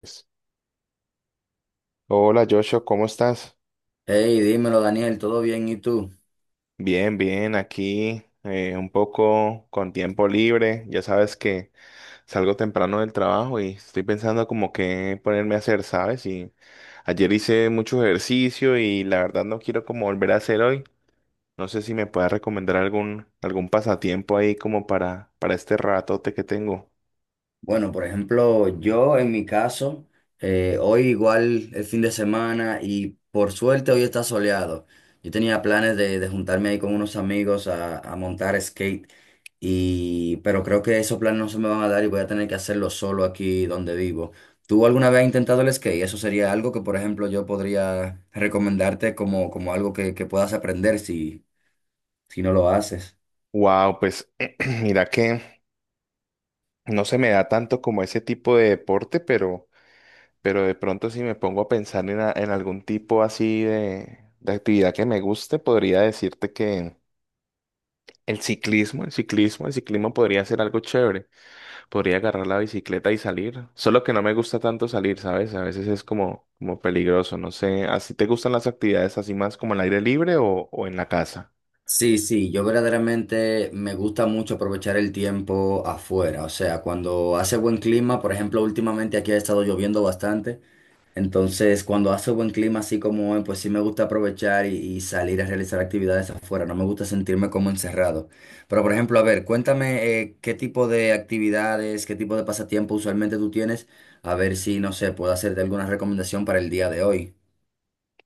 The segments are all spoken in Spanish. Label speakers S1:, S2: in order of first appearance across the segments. S1: Pues, hola Joshua, ¿cómo estás?
S2: Hey, dímelo Daniel, ¿todo bien? ¿Y tú?
S1: Bien, bien, aquí un poco con tiempo libre. Ya sabes que salgo temprano del trabajo y estoy pensando como qué ponerme a hacer, ¿sabes? Y ayer hice mucho ejercicio y la verdad no quiero como volver a hacer hoy. No sé si me puedas recomendar algún pasatiempo ahí como para este ratote que tengo.
S2: Bueno, por ejemplo, yo en mi caso, hoy igual el fin de semana y por suerte hoy está soleado. Yo tenía planes de juntarme ahí con unos amigos a montar skate, y pero creo que esos planes no se me van a dar y voy a tener que hacerlo solo aquí donde vivo. ¿Tú alguna vez has intentado el skate? Eso sería algo que, por ejemplo, yo podría recomendarte como, como algo que puedas aprender si no lo haces.
S1: Wow, pues mira que no se me da tanto como ese tipo de deporte, pero... Pero de pronto si me pongo a pensar en algún tipo así de actividad que me guste, podría decirte que el ciclismo podría ser algo chévere. Podría agarrar la bicicleta y salir. Solo que no me gusta tanto salir, ¿sabes? A veces es como peligroso, no sé. ¿Así te gustan las actividades así más como al aire libre o en la casa?
S2: Sí, sí, yo verdaderamente me gusta mucho aprovechar el tiempo afuera, o sea, cuando hace buen clima, por ejemplo, últimamente aquí ha estado lloviendo bastante, entonces cuando hace buen clima así como hoy, pues sí me gusta aprovechar y salir a realizar actividades afuera, no me gusta sentirme como encerrado. Pero, por ejemplo, a ver, cuéntame qué tipo de actividades, qué tipo de pasatiempo usualmente tú tienes, a ver si, no sé, puedo hacerte alguna recomendación para el día de hoy.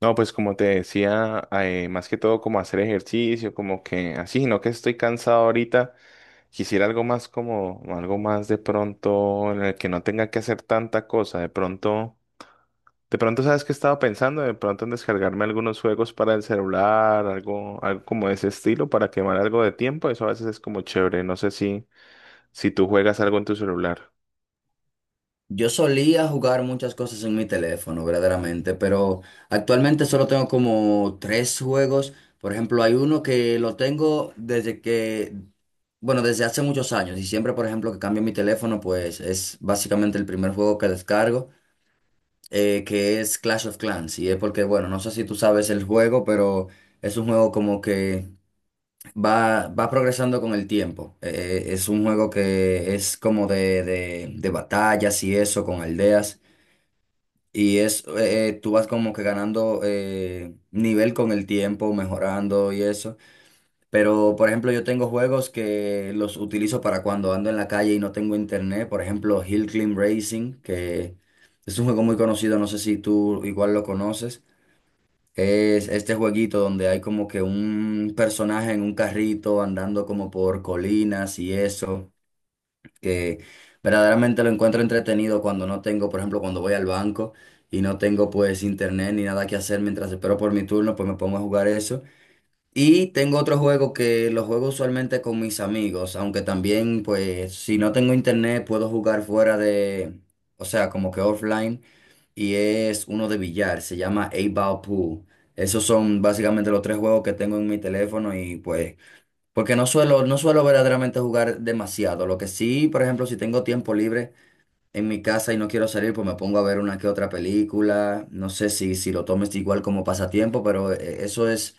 S1: No, pues como te decía, más que todo como hacer ejercicio, como que así, no que estoy cansado ahorita. Quisiera algo más como, algo más de pronto en el que no tenga que hacer tanta cosa. De pronto, ¿sabes qué estaba pensando? De pronto en descargarme algunos juegos para el celular, algo como de ese estilo para quemar algo de tiempo. Eso a veces es como chévere. No sé si tú juegas algo en tu celular.
S2: Yo solía jugar muchas cosas en mi teléfono, verdaderamente, pero actualmente solo tengo como tres juegos. Por ejemplo, hay uno que lo tengo desde que, bueno, desde hace muchos años y siempre, por ejemplo, que cambio mi teléfono, pues es básicamente el primer juego que descargo, que es Clash of Clans. Y es porque, bueno, no sé si tú sabes el juego, pero es un juego como que va progresando con el tiempo. Es un juego que es como de, de batallas y eso, con aldeas. Y es, tú vas como que ganando nivel con el tiempo, mejorando y eso. Pero, por ejemplo, yo tengo juegos que los utilizo para cuando ando en la calle y no tengo internet. Por ejemplo, Hill Climb Racing, que es un juego muy conocido, no sé si tú igual lo conoces. Es este jueguito donde hay como que un personaje en un carrito andando como por colinas y eso que verdaderamente lo encuentro entretenido cuando no tengo, por ejemplo, cuando voy al banco y no tengo pues internet ni nada que hacer mientras espero por mi turno, pues me pongo a jugar eso. Y tengo otro juego que lo juego usualmente con mis amigos, aunque también pues si no tengo internet puedo jugar fuera de, o sea, como que offline y es uno de billar, se llama eight Ball Pool. Esos son básicamente los tres juegos que tengo en mi teléfono y pues porque no suelo verdaderamente jugar demasiado. Lo que sí, por ejemplo, si tengo tiempo libre en mi casa y no quiero salir, pues me pongo a ver una que otra película. No sé si, si lo tomes igual como pasatiempo, pero eso es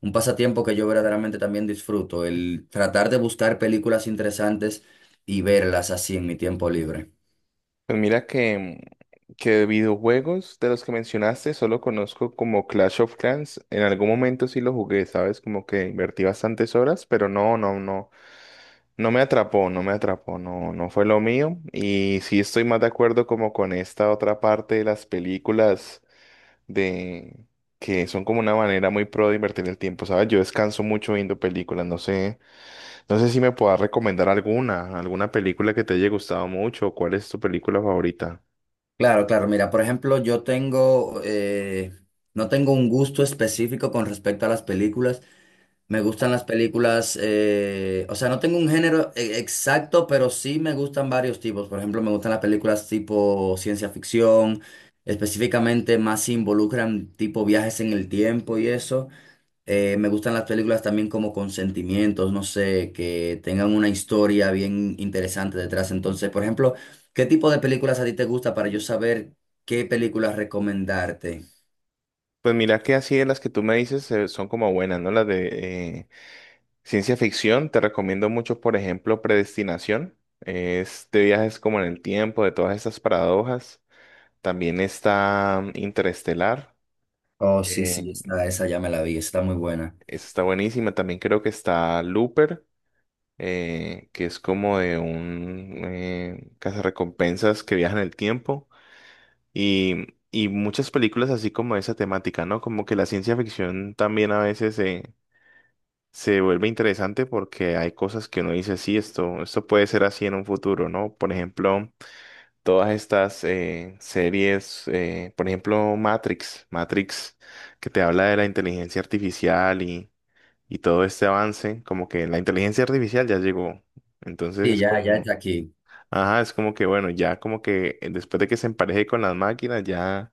S2: un pasatiempo que yo verdaderamente también disfruto, el tratar de buscar películas interesantes y verlas así en mi tiempo libre.
S1: Pues mira que de videojuegos de los que mencionaste solo conozco como Clash of Clans. En algún momento sí lo jugué, ¿sabes? Como que invertí bastantes horas, pero no. No me atrapó, no fue lo mío. Y sí estoy más de acuerdo como con esta otra parte de las películas de que son como una manera muy pro de invertir el tiempo, ¿sabes? Yo descanso mucho viendo películas, no sé, no sé si me puedas recomendar alguna película que te haya gustado mucho, o cuál es tu película favorita.
S2: Claro, claro. Mira, por ejemplo, yo tengo, no tengo un gusto específico con respecto a las películas. Me gustan las películas, o sea, no tengo un género exacto, pero sí me gustan varios tipos. Por ejemplo, me gustan las películas tipo ciencia ficción, específicamente más si involucran tipo viajes en el tiempo y eso. Me gustan las películas también como con sentimientos, no sé, que tengan una historia bien interesante detrás. Entonces, por ejemplo, ¿qué tipo de películas a ti te gusta para yo saber qué películas recomendarte?
S1: Pues mira que así de las que tú me dices son como buenas, ¿no? Las de eh, ciencia ficción, te recomiendo mucho, por ejemplo, Predestinación. Este viaje es como en el tiempo, de todas esas paradojas. También está Interestelar.
S2: Oh, sí, sí,
S1: eh,
S2: esa ya me la vi, está muy buena.
S1: Esa está buenísima. También creo que está Looper, que es como de un cazarrecompensas que viaja en el tiempo. Y muchas películas así como esa temática, ¿no? Como que la ciencia ficción también a veces se vuelve interesante porque hay cosas que uno dice, sí, esto puede ser así en un futuro, ¿no? Por ejemplo. Todas estas series, por ejemplo, Matrix, que te habla de la inteligencia artificial y todo este avance, como que la inteligencia artificial ya llegó. Entonces
S2: Sí,
S1: es
S2: ya, ya
S1: como,
S2: está aquí.
S1: ajá, es como que bueno, ya como que después de que se empareje con las máquinas, ya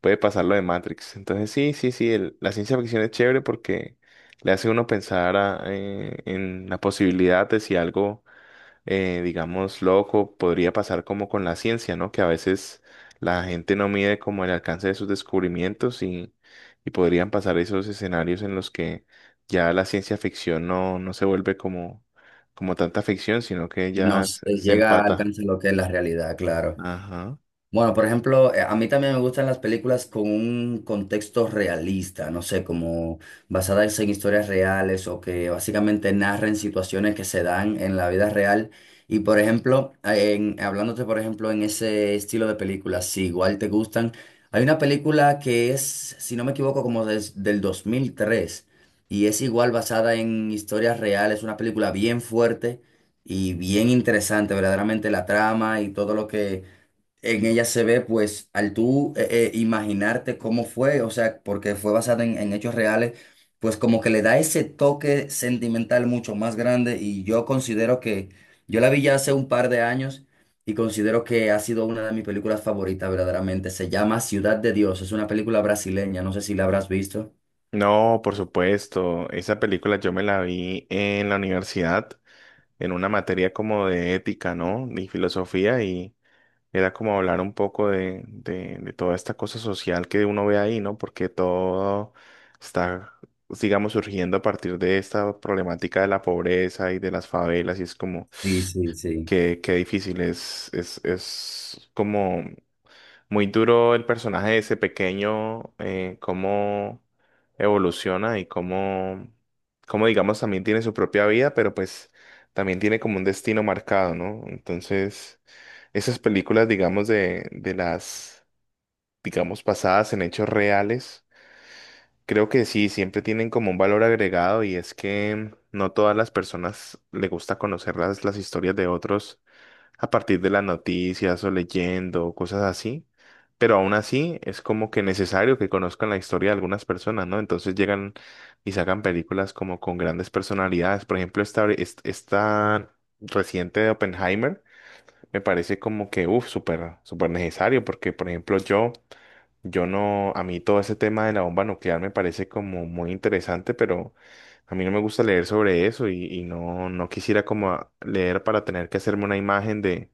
S1: puede pasar lo de Matrix. Entonces sí, la ciencia ficción es chévere porque le hace uno pensar en la posibilidad de si algo digamos, loco, podría pasar como con la ciencia, ¿no? Que a veces la gente no mide como el alcance de sus descubrimientos y podrían pasar esos escenarios en los que ya la ciencia ficción no se vuelve como, como tanta ficción, sino que ya
S2: Nos
S1: se
S2: llega,
S1: empata.
S2: alcanza lo que es la realidad, claro.
S1: Ajá.
S2: Bueno, por ejemplo, a mí también me gustan las películas con un contexto realista, no sé, como basadas en historias reales o que básicamente narren situaciones que se dan en la vida real. Y por ejemplo, hablándote por ejemplo en ese estilo de películas, si igual te gustan, hay una película que es, si no me equivoco, como del 2003 y es igual basada en historias reales, una película bien fuerte y bien interesante, verdaderamente la trama y todo lo que en ella se ve, pues, al tú imaginarte cómo fue, o sea, porque fue basada en hechos reales, pues como que le da ese toque sentimental mucho más grande y yo considero que, yo la vi ya hace un par de años y considero que ha sido una de mis películas favoritas verdaderamente. Se llama Ciudad de Dios, es una película brasileña, no sé si la habrás visto.
S1: No, por supuesto, esa película yo me la vi en la universidad, en una materia como de ética, ¿no? Y filosofía y... era como hablar un poco de toda esta cosa social que uno ve ahí, ¿no? Porque todo está, digamos, surgiendo a partir de esta problemática de la pobreza y de las favelas, y es como
S2: Sí, sí, sí.
S1: que, qué difícil, es como muy duro el personaje de ese pequeño, cómo evoluciona y cómo, digamos, también tiene su propia vida, pero pues también tiene como un destino marcado, ¿no? Entonces, esas películas, digamos, digamos, basadas en hechos reales, creo que sí, siempre tienen como un valor agregado y es que no todas las personas le gusta conocer las historias de otros a partir de las noticias o leyendo, o cosas así. Pero aún así es como que necesario que conozcan la historia de algunas personas, ¿no? Entonces llegan y sacan películas como con grandes personalidades. Por ejemplo, esta reciente de Oppenheimer me parece como que, uff, súper, súper necesario porque, por ejemplo, yo no, a mí todo ese tema de la bomba nuclear me parece como muy interesante, pero a mí no me gusta leer sobre eso y no quisiera como leer para tener que hacerme una imagen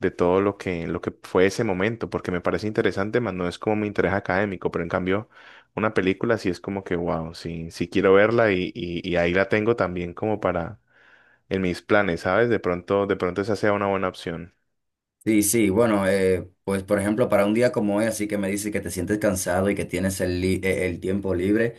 S1: de todo lo que fue ese momento, porque me parece interesante, más no es como mi interés académico, pero en cambio, una película sí es como que, wow, sí, sí quiero verla y ahí la tengo también como para, en mis planes, ¿sabes? De pronto esa sea una buena opción.
S2: Sí, sí, bueno, pues por ejemplo, para un día como hoy, así que me dice que te sientes cansado y que tienes el, el tiempo libre.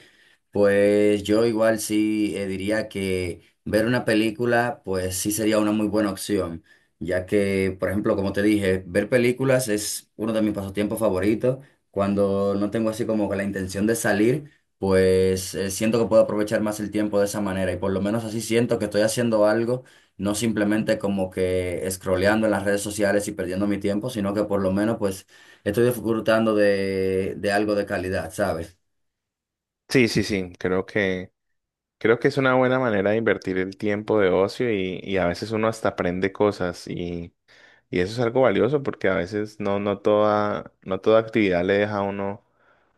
S2: Pues yo igual sí diría que ver una película, pues sí sería una muy buena opción, ya que, por ejemplo, como te dije, ver películas es uno de mis pasatiempos favoritos. Cuando no tengo así como que la intención de salir, pues siento que puedo aprovechar más el tiempo de esa manera y por lo menos así siento que estoy haciendo algo, no simplemente como que scrolleando en las redes sociales y perdiendo mi tiempo, sino que por lo menos pues estoy disfrutando de algo de calidad, ¿sabes?
S1: Sí, sí, sí, creo que es una buena manera de invertir el tiempo de ocio y a veces uno hasta aprende cosas y eso es algo valioso porque a veces no toda actividad le deja a uno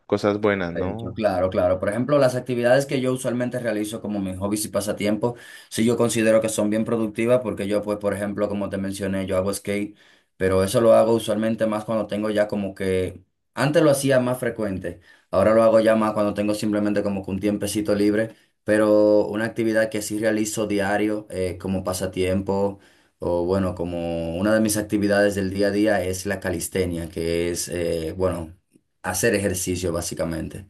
S1: cosas buenas,
S2: De hecho,
S1: ¿no?
S2: claro, claro. Por ejemplo, las actividades que yo usualmente realizo como mis hobbies y pasatiempos, sí yo considero que son bien productivas porque yo, pues, por ejemplo, como te mencioné, yo hago skate, pero eso lo hago usualmente más cuando tengo ya como que, antes lo hacía más frecuente, ahora lo hago ya más cuando tengo simplemente como que un tiempecito libre, pero una actividad que sí realizo diario como pasatiempo o bueno, como una de mis actividades del día a día es la calistenia, que es, bueno, hacer ejercicio básicamente.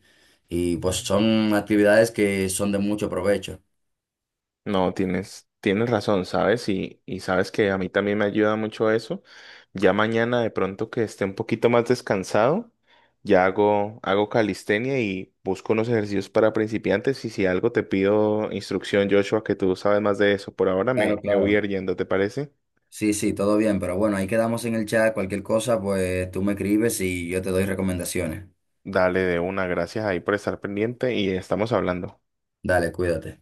S2: Y pues son actividades que son de mucho provecho.
S1: No, tienes razón, ¿sabes? Y sabes que a mí también me ayuda mucho eso. Ya mañana de pronto que esté un poquito más descansado, ya hago calistenia y busco unos ejercicios para principiantes y si algo te pido instrucción, Joshua, que tú sabes más de eso. Por ahora
S2: Claro,
S1: me voy a
S2: claro.
S1: ir yendo, ¿te parece?
S2: Sí, sí, todo bien, pero bueno, ahí quedamos en el chat. Cualquier cosa, pues tú me escribes y yo te doy recomendaciones.
S1: Dale de una, gracias ahí por estar pendiente y estamos hablando.
S2: Dale, cuídate.